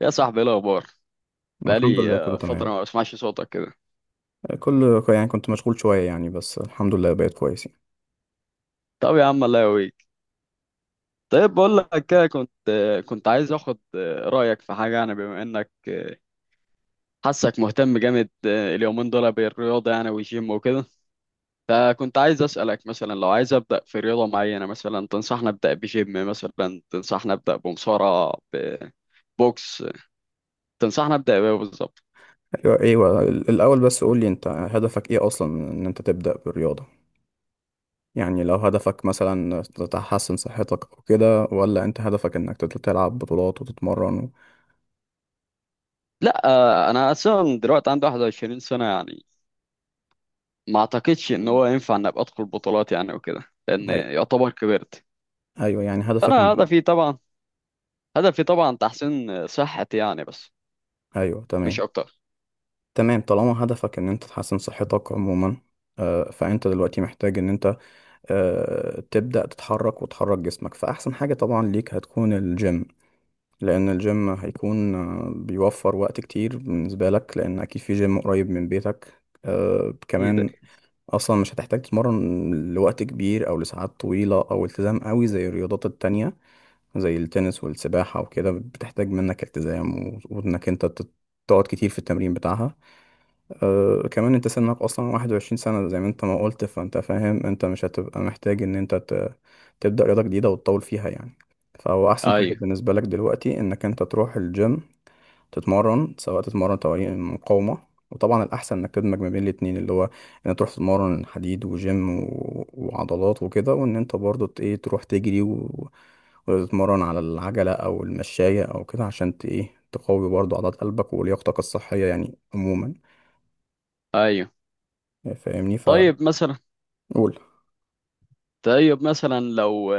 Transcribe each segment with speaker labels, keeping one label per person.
Speaker 1: يا صاحبي ايه الاخبار؟
Speaker 2: الحمد لله،
Speaker 1: بقالي
Speaker 2: كله
Speaker 1: فتره
Speaker 2: تمام.
Speaker 1: ما بسمعش صوتك كده.
Speaker 2: يعني كنت مشغول شوية، يعني بس الحمد لله بقيت كويس يعني.
Speaker 1: طب يا عم الله يقويك. طيب بقول لك كده، كنت كنت عايز اخد رايك في حاجه، يعني بما انك حاسك مهتم جامد اليومين دول بالرياضه يعني، والجيم وكده. فكنت عايز اسالك مثلا، لو عايز ابدا في رياضه معينه، مثلا تنصحني ابدا بجيم؟ مثلا تنصحني ابدا بمصارعه؟ ببوكس؟ تنصحني ابدا بايه بالظبط؟
Speaker 2: أيوة أيوة، الأول بس قولي، أنت هدفك إيه أصلا من إن أنت تبدأ بالرياضة؟ يعني لو هدفك مثلا تحسن صحتك أو كده، ولا أنت هدفك إنك تلعب بطولات وتتمرن و...
Speaker 1: لا انا اصلا دلوقتي عندي 21 سنه يعني، ما اعتقدش ان هو ينفع ان ابقى ادخل بطولات يعني وكده، لان
Speaker 2: أي-
Speaker 1: يعتبر كبرت.
Speaker 2: أيوة يعني هدفك
Speaker 1: انا
Speaker 2: من...
Speaker 1: هدفي طبعا، هدفي طبعا تحسين صحتي يعني، بس
Speaker 2: أيوة
Speaker 1: مش
Speaker 2: تمام.
Speaker 1: اكتر.
Speaker 2: تمام، طالما هدفك إن أنت تحسن صحتك عموما، فأنت دلوقتي محتاج إن أنت تبدأ تتحرك وتحرك جسمك، فأحسن حاجة طبعا ليك هتكون الجيم. لأن الجيم هيكون بيوفر وقت كتير بالنسبة لك، لأن أكيد في جيم قريب من بيتك
Speaker 1: اكيد.
Speaker 2: كمان. أصلا مش هتحتاج تتمرن لوقت كبير أو لساعات طويلة أو التزام قوي زي الرياضات التانية. زي التنس والسباحة وكده، بتحتاج منك التزام وإنك أنت تقعد كتير في التمرين بتاعها. أه كمان، انت سنك اصلا 21 سنة زي ما انت ما قلت، فانت فاهم انت مش هتبقى محتاج ان انت تبدأ رياضة جديدة وتطول فيها يعني. فهو احسن حاجة
Speaker 1: ايوه.
Speaker 2: بالنسبة لك دلوقتي انك انت تروح الجيم، تتمرن سواء تتمرن تمارين مقاومة، وطبعا الاحسن انك تدمج ما بين الاتنين، اللي هو ان تروح تتمرن حديد وجيم و... وعضلات وكده، وان انت برضو ت- ايه تروح تجري و... وتتمرن على العجلة او المشاية او كده، عشان ت... ايه تقوي برضو عضلات قلبك ولياقتك الصحية يعني عموما.
Speaker 1: ايوه.
Speaker 2: فاهمني؟ فقول.
Speaker 1: طيب مثلا، طيب مثلا لو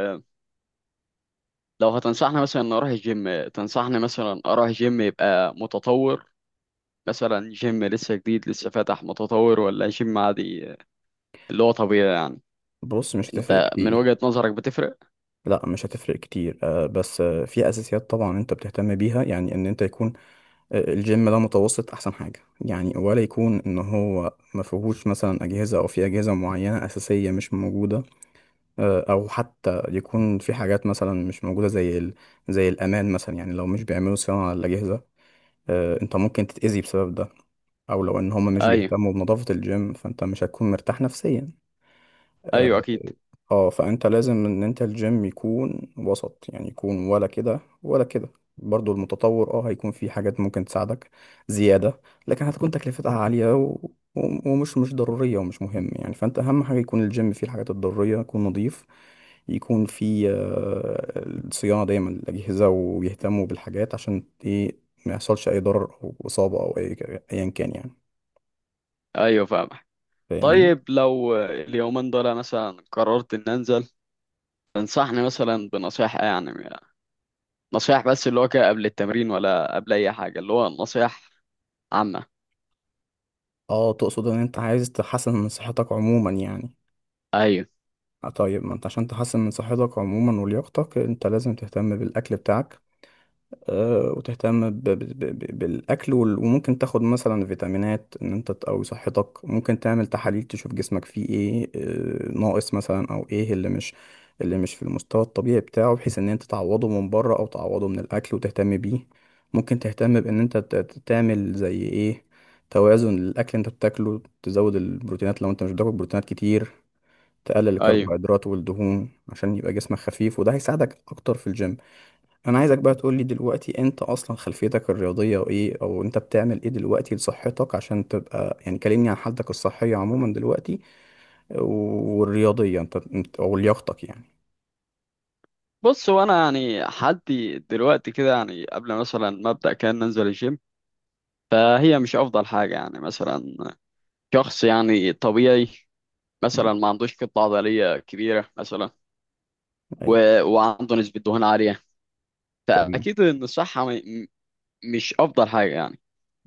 Speaker 1: لو هتنصحني مثلا ان اروح الجيم، تنصحني مثلا اروح جيم يبقى متطور؟ مثلا جيم لسه جديد لسه فاتح متطور، ولا جيم عادي اللي هو طبيعي يعني؟
Speaker 2: بص، مش هتفرق
Speaker 1: انت من
Speaker 2: كتير.
Speaker 1: وجهة نظرك بتفرق؟
Speaker 2: لا مش هتفرق كتير، بس في اساسيات طبعا انت بتهتم بيها، يعني ان انت يكون الجيم ده متوسط احسن حاجه يعني. ولا يكون ان هو ما فيهوش مثلا اجهزه، او في اجهزه معينه اساسيه مش موجوده، او حتى يكون في حاجات مثلا مش موجوده زي الامان مثلا. يعني لو مش بيعملوا صيانه على الاجهزه، انت ممكن تتاذي بسبب ده. او لو ان هم مش
Speaker 1: ايوه.
Speaker 2: بيهتموا بنظافه الجيم، فانت مش هتكون مرتاح نفسيا، آه،
Speaker 1: ايوه اكيد.
Speaker 2: اه. فانت لازم ان انت الجيم يكون وسط، يعني يكون ولا كده ولا كده. برضو المتطور اه هيكون في حاجات ممكن تساعدك زيادة، لكن هتكون تكلفتها عالية و... و- ومش مش ضرورية، ومش مهم يعني. فانت اهم حاجة يكون الجيم فيه الحاجات الضرورية، يكون نظيف، يكون فيه الصيانة دايما الأجهزة، ويهتموا بالحاجات عشان ايه ما يحصلش أي ضرر أو إصابة أو أي، أيا كان يعني.
Speaker 1: ايوه فاهم.
Speaker 2: فاهمني؟
Speaker 1: طيب لو اليومين دول مثلا قررت ان انزل، تنصحني مثلا بنصيحة إيه؟ يعني نصيحة بس اللي هو كده قبل التمرين، ولا قبل اي حاجة اللي هو نصيحة عامة.
Speaker 2: اه تقصد ان انت عايز تحسن من صحتك عموما يعني.
Speaker 1: ايوه.
Speaker 2: آه طيب، ما انت عشان تحسن من صحتك عموما ولياقتك، انت لازم تهتم بالاكل بتاعك. وتهتم بالاكل، وممكن تاخد مثلا فيتامينات، ان انت تقوي صحتك. ممكن تعمل تحاليل تشوف جسمك فيه ايه ناقص مثلا، او ايه اللي مش في المستوى الطبيعي بتاعه، بحيث ان انت تعوضه من بره او تعوضه من الاكل وتهتم بيه. ممكن تهتم بان انت تعمل زي ايه توازن للاكل اللي انت بتاكله، تزود البروتينات لو انت مش بتاكل بروتينات كتير، تقلل
Speaker 1: ايوه.
Speaker 2: الكربوهيدرات والدهون عشان يبقى جسمك خفيف، وده هيساعدك اكتر في الجيم. انا عايزك بقى تقول لي دلوقتي، انت اصلا خلفيتك الرياضيه وايه، او انت بتعمل ايه دلوقتي لصحتك عشان تبقى يعني، كلمني عن حالتك الصحيه عموما دلوقتي والرياضيه انت، او لياقتك يعني.
Speaker 1: بص، وانا يعني حدي دلوقتي كده يعني، قبل مثلا ما ابدا كان ننزل الجيم، فهي مش افضل حاجة يعني. مثلا شخص يعني طبيعي، مثلا
Speaker 2: مم.
Speaker 1: ما عندوش كتلة عضلية كبيرة مثلا،
Speaker 2: ايوه
Speaker 1: و... وعنده نسبة دهون عالية،
Speaker 2: تمام.
Speaker 1: فاكيد ان الصحة مش افضل حاجة يعني.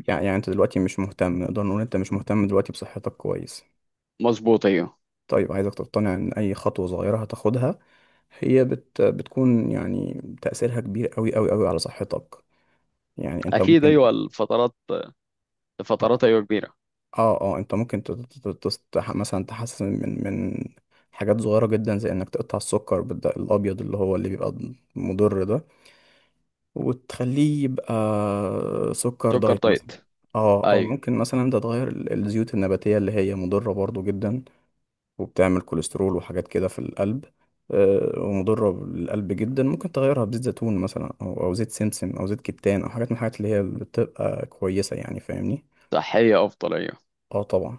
Speaker 2: يعني انت دلوقتي مش مهتم، نقدر نقول انت مش مهتم دلوقتي بصحتك كويس.
Speaker 1: مظبوط ايوه.
Speaker 2: طيب، عايزك تقتنع ان اي خطوه صغيره هتاخدها هي بتكون يعني تأثيرها كبير قوي قوي قوي على صحتك. يعني انت
Speaker 1: اكيد
Speaker 2: ممكن،
Speaker 1: ايوه الفترات،
Speaker 2: اه
Speaker 1: الفترات ايوه كبيره.
Speaker 2: انت ممكن مثلا تحسن من حاجات صغيرة جدا، زي انك تقطع السكر بالدقيق الابيض اللي هو اللي بيبقى مضر ده، وتخليه يبقى سكر
Speaker 1: سكر
Speaker 2: دايت مثلا.
Speaker 1: دايت.
Speaker 2: اه، او
Speaker 1: ايوه
Speaker 2: ممكن مثلا انت تغير الزيوت النباتية اللي هي مضرة برضو جدا، وبتعمل كوليسترول وحاجات كده في القلب، ومضرة للقلب جدا. ممكن تغيرها بزيت زيتون مثلا، أو زيت سمسم، أو زيت كتان، أو حاجات من الحاجات اللي هي بتبقى كويسة يعني. فاهمني؟
Speaker 1: صحيه افضل ايوه.
Speaker 2: اه طبعا.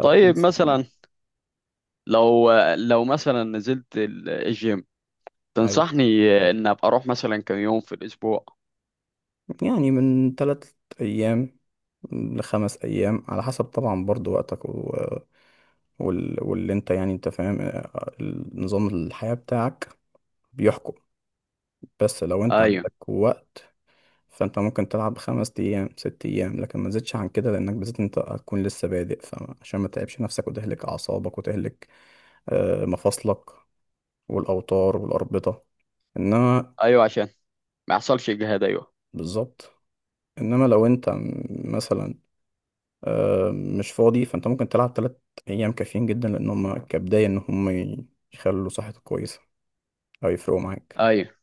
Speaker 1: طيب
Speaker 2: خمس أيام.
Speaker 1: مثلا، لو لو مثلا نزلت الجيم،
Speaker 2: ايوه
Speaker 1: تنصحني ان ابقى اروح مثلا كم يوم في الاسبوع؟
Speaker 2: يعني من ثلاث ايام لخمس ايام، على حسب طبعا برضو وقتك و... واللي انت يعني انت فاهم، نظام الحياة بتاعك بيحكم. بس لو انت
Speaker 1: ايوه.
Speaker 2: عندك وقت، فانت ممكن تلعب خمس ايام ست ايام، لكن ما تزيدش عن كده، لانك بالذات انت هتكون لسه بادئ، فعشان ما تتعبش نفسك وتهلك اعصابك وتهلك مفاصلك والاوتار والاربطة. انما
Speaker 1: ايوه عشان ما يحصلش اجهاد ايوه.
Speaker 2: بالظبط، انما لو انت مثلا مش فاضي، فانت ممكن تلعب تلات ايام، كافيين جدا لان هم كبداية ان هم يخلوا صحتك كويسة او يفرقوا معاك.
Speaker 1: ايوه.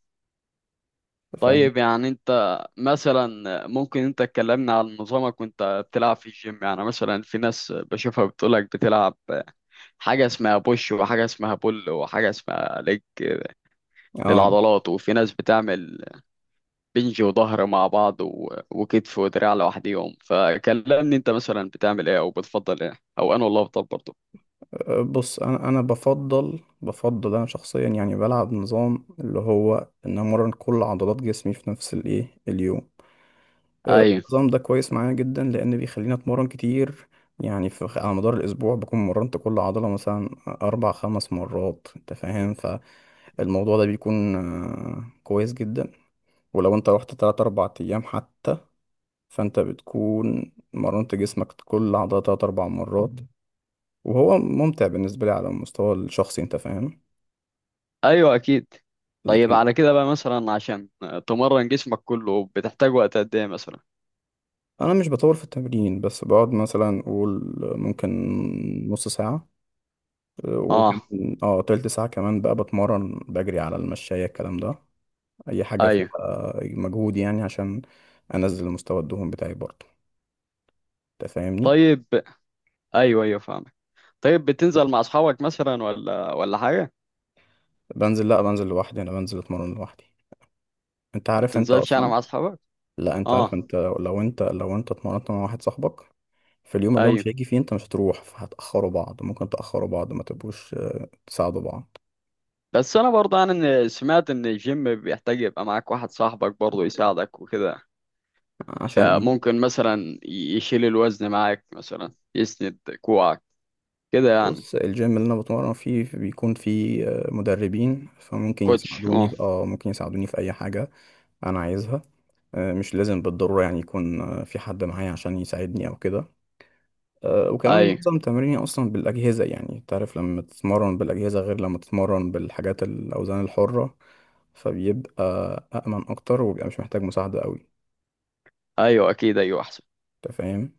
Speaker 2: فاهم؟
Speaker 1: طيب يعني انت مثلا، ممكن انت تكلمنا عن نظامك وانت بتلعب في الجيم؟ يعني مثلا في ناس بشوفها بتقولك بتلعب حاجه اسمها بوش، وحاجه اسمها بول، وحاجه اسمها ليج
Speaker 2: اه
Speaker 1: للعضلات. وفي ناس بتعمل بنج وظهر مع بعض وكتف ودراع لوحديهم. فكلمني انت مثلا بتعمل ايه، او بتفضل ايه، او انا والله بفضل برضه.
Speaker 2: بص، انا بفضل انا شخصيا يعني، بلعب نظام اللي هو ان امرن كل عضلات جسمي في نفس الايه اليوم.
Speaker 1: ايوه.
Speaker 2: النظام ده كويس معايا جدا، لان بيخليني اتمرن كتير. يعني في على مدار الاسبوع بكون مرنت كل عضله مثلا اربع خمس مرات، انت فاهم. فالموضوع ده بيكون كويس جدا. ولو انت رحت تلات أربع أيام حتى، فانت بتكون مرنت جسمك كل عضلة تلات أربع مرات. وهو ممتع بالنسبة لي على المستوى الشخصي، انت فاهم.
Speaker 1: ايوه اكيد. طيب
Speaker 2: لكن
Speaker 1: على كده بقى مثلا، عشان تمرن جسمك كله بتحتاج وقت قد ايه مثلا؟
Speaker 2: أنا مش بطول في التمرين، بس بقعد مثلا أقول ممكن نص ساعة، اه،
Speaker 1: اه.
Speaker 2: وكمان اه تلت ساعة كمان بقى، بتمرن بجري على المشاية، الكلام ده أي حاجة فيها
Speaker 1: ايوه.
Speaker 2: مجهود، يعني عشان أنزل مستوى الدهون بتاعي برضه. انت فاهمني؟
Speaker 1: طيب. ايوه ايوه فاهمك. طيب بتنزل مع اصحابك مثلا، ولا ولا حاجه؟
Speaker 2: بنزل، لأ بنزل لوحدي، أنا بنزل أتمرن لوحدي. انت
Speaker 1: ما
Speaker 2: عارف انت
Speaker 1: بتنزلش انا
Speaker 2: اصلا.
Speaker 1: مع اصحابك؟
Speaker 2: لا انت عارف،
Speaker 1: اه.
Speaker 2: انت لو انت اتمرنت مع واحد صاحبك، في اليوم اللي هو مش
Speaker 1: ايوه،
Speaker 2: هيجي فيه انت مش هتروح، فهتأخروا بعض، ممكن تأخروا بعض، ما تبقوش تساعدوا بعض.
Speaker 1: بس انا برضه انا سمعت ان الجيم بيحتاج يبقى معاك واحد صاحبك برضه يساعدك وكده،
Speaker 2: عشان ايه؟
Speaker 1: فممكن مثلا يشيل الوزن معاك، مثلا يسند كوعك كده يعني.
Speaker 2: بص الجيم اللي انا بتمرن فيه بيكون فيه مدربين، فممكن
Speaker 1: كوتش،
Speaker 2: يساعدوني
Speaker 1: اه.
Speaker 2: في- اه ممكن يساعدوني في اي حاجة انا عايزها. مش لازم بالضرورة يعني يكون في حد معايا عشان يساعدني او كده، وكمان
Speaker 1: ايوه.
Speaker 2: معظم تمريني اصلا بالاجهزة. يعني تعرف لما تتمرن بالاجهزة غير لما تتمرن بالحاجات الاوزان الحرة، فبيبقى أأمن أكتر وبيبقى مش محتاج مساعدة أوي.
Speaker 1: ايوه اكيد ايوه احسن.
Speaker 2: أنت فاهم؟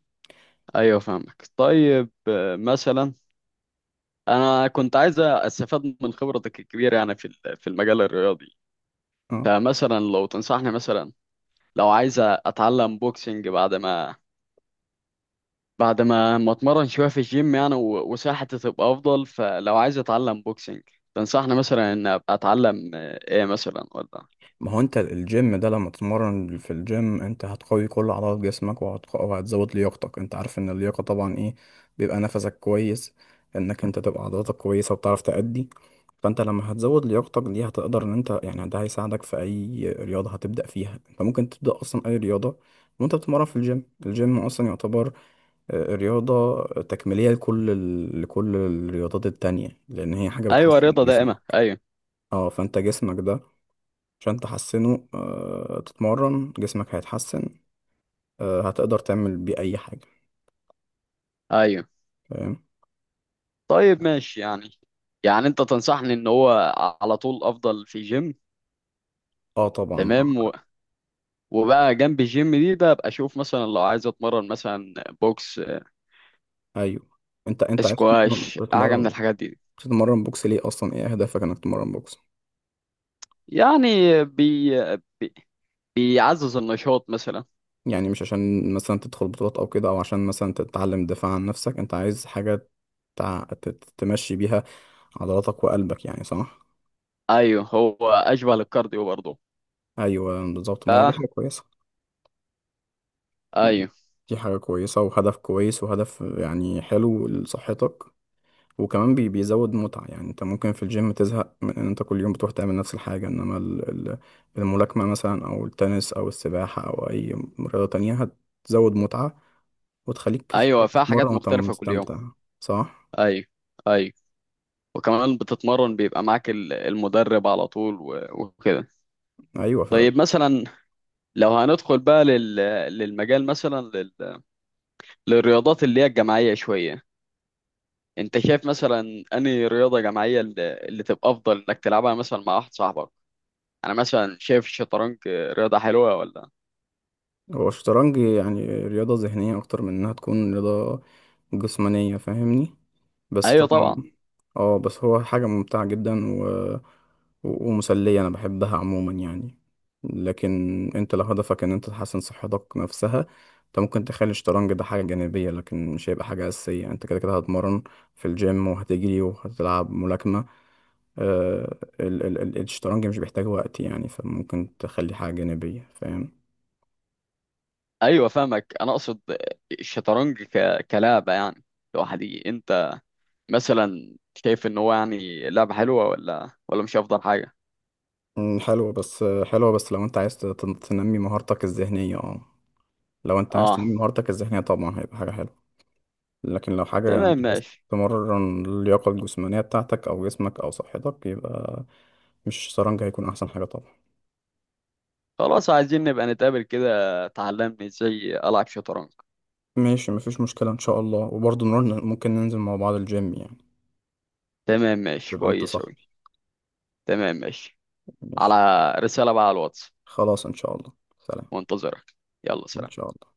Speaker 1: ايوه فاهمك. طيب مثلا انا كنت عايز استفاد من خبرتك الكبيره يعني في في المجال الرياضي.
Speaker 2: اه،
Speaker 1: فمثلا لو تنصحني مثلا، لو عايز اتعلم بوكسنج بعد ما، بعد ما اتمرن شويه في الجيم يعني وصحتي تبقى افضل، فلو عايز اتعلم بوكسنج تنصحني مثلا ان ابقى اتعلم ايه مثلا، ولا؟
Speaker 2: ما هو أنت الجيم ده لما تتمرن في الجيم أنت هتقوي كل عضلات جسمك، وهتزود لياقتك. أنت عارف إن اللياقة طبعا إيه؟ بيبقى نفسك كويس، إنك أنت تبقى عضلاتك كويسة وبتعرف تأدي. فأنت لما هتزود لياقتك دي هتقدر إن أنت يعني ده هيساعدك في أي رياضة هتبدأ فيها. أنت ممكن تبدأ أصلا أي رياضة وأنت بتتمرن في الجيم. الجيم أصلا يعتبر الرياضة تكميلية لكل لكل الرياضات التانية، لأن هي حاجة
Speaker 1: ايوه
Speaker 2: بتحسن
Speaker 1: رضا دائمة
Speaker 2: جسمك.
Speaker 1: ايوه.
Speaker 2: اه فانت جسمك ده عشان تحسنه، آه تتمرن جسمك هيتحسن، آه هتقدر تعمل بيه أي حاجة.
Speaker 1: ايوه.
Speaker 2: فاهم؟
Speaker 1: طيب ماشي يعني. يعني انت تنصحني ان هو على طول افضل في جيم.
Speaker 2: اه طبعا.
Speaker 1: تمام. وبقى جنب الجيم دي ده ابقى اشوف مثلا، لو عايز اتمرن مثلا بوكس،
Speaker 2: أيوه، انت عايز تتمرن،
Speaker 1: سكواش، حاجة من
Speaker 2: تتمرن
Speaker 1: الحاجات دي
Speaker 2: تتمرن بوكس ليه أصلا؟ ايه أهدافك إنك تتمرن بوكس؟
Speaker 1: يعني. بي... بي... بيعزز النشاط مثلا.
Speaker 2: يعني مش عشان مثلا تدخل بطولات أو كده، أو عشان مثلا تتعلم الدفاع عن نفسك، انت عايز حاجة تع... ت- تمشي بيها عضلاتك وقلبك، يعني صح؟
Speaker 1: ايوه هو اشبه للكارديو برضه.
Speaker 2: ايوه بالظبط. ما هو دي
Speaker 1: ف...
Speaker 2: حاجه كويسه،
Speaker 1: ايوه.
Speaker 2: دي حاجه كويسه وهدف كويس، وهدف يعني حلو لصحتك. وكمان بيزود متعه. يعني انت ممكن في الجيم تزهق من ان انت كل يوم بتروح تعمل نفس الحاجه، انما الملاكمه مثلا او التنس او السباحه او اي رياضه تانية هتزود متعه، وتخليك
Speaker 1: ايوه فيها حاجات
Speaker 2: تتمرن وانت
Speaker 1: مختلفة كل يوم.
Speaker 2: مستمتع. صح
Speaker 1: ايوه. ايوه. وكمان بتتمرن بيبقى معاك المدرب على طول وكده.
Speaker 2: ايوه.
Speaker 1: طيب مثلا، لو هندخل بقى للمجال مثلا، للرياضات اللي هي الجماعية شوية، انت شايف مثلا انهي رياضة جماعية اللي تبقى افضل انك تلعبها مثلا مع واحد صاحبك؟ انا مثلا شايف الشطرنج رياضة حلوة، ولا؟
Speaker 2: هو الشطرنج يعني رياضة ذهنية أكتر من إنها تكون رياضة جسمانية، فاهمني. بس
Speaker 1: ايوه
Speaker 2: طبعا
Speaker 1: طبعا.
Speaker 2: اه، بس هو حاجة ممتعة جدا و... ومسلية، أنا بحبها عموما يعني. لكن أنت لو هدفك إن أنت تحسن صحتك نفسها، أنت ممكن تخلي الشطرنج ده حاجة جانبية، لكن مش هيبقى حاجة أساسية. أنت كده كده هتمرن في الجيم وهتجري وهتلعب ملاكمة. الشطرنج مش بيحتاج وقت يعني، فممكن تخلي حاجة جانبية. فاهم؟
Speaker 1: ايوه فاهمك. انا اقصد الشطرنج كلعبة يعني، لوحدي، انت مثلا شايف ان هو يعني لعبة حلوة، ولا مش افضل حاجة؟
Speaker 2: حلو. بس حلوة بس لو انت عايز تنمي مهارتك الذهنية، اه لو انت عايز
Speaker 1: اه.
Speaker 2: تنمي مهارتك الذهنية طبعا هيبقى حاجة حلوة. لكن لو حاجة انت
Speaker 1: تمام
Speaker 2: عايز
Speaker 1: ماشي.
Speaker 2: تمرن اللياقة الجسمانية بتاعتك او جسمك او صحتك، يبقى مش شطرنج هيكون احسن حاجة طبعا.
Speaker 1: خلاص عايزين نبقى نتقابل كده تعلمني ازاي العب شطرنج.
Speaker 2: ماشي مفيش مشكلة، ان شاء الله. وبرضه ممكن ننزل مع بعض الجيم يعني،
Speaker 1: تمام ماشي
Speaker 2: تبقى انت
Speaker 1: كويس أوي.
Speaker 2: صاحبي.
Speaker 1: تمام ماشي. على
Speaker 2: ماشي.
Speaker 1: رسالة بقى على الواتس.
Speaker 2: خلاص ان شاء الله. سلام.
Speaker 1: وانتظرك. يلا
Speaker 2: ان
Speaker 1: سلام.
Speaker 2: شاء الله.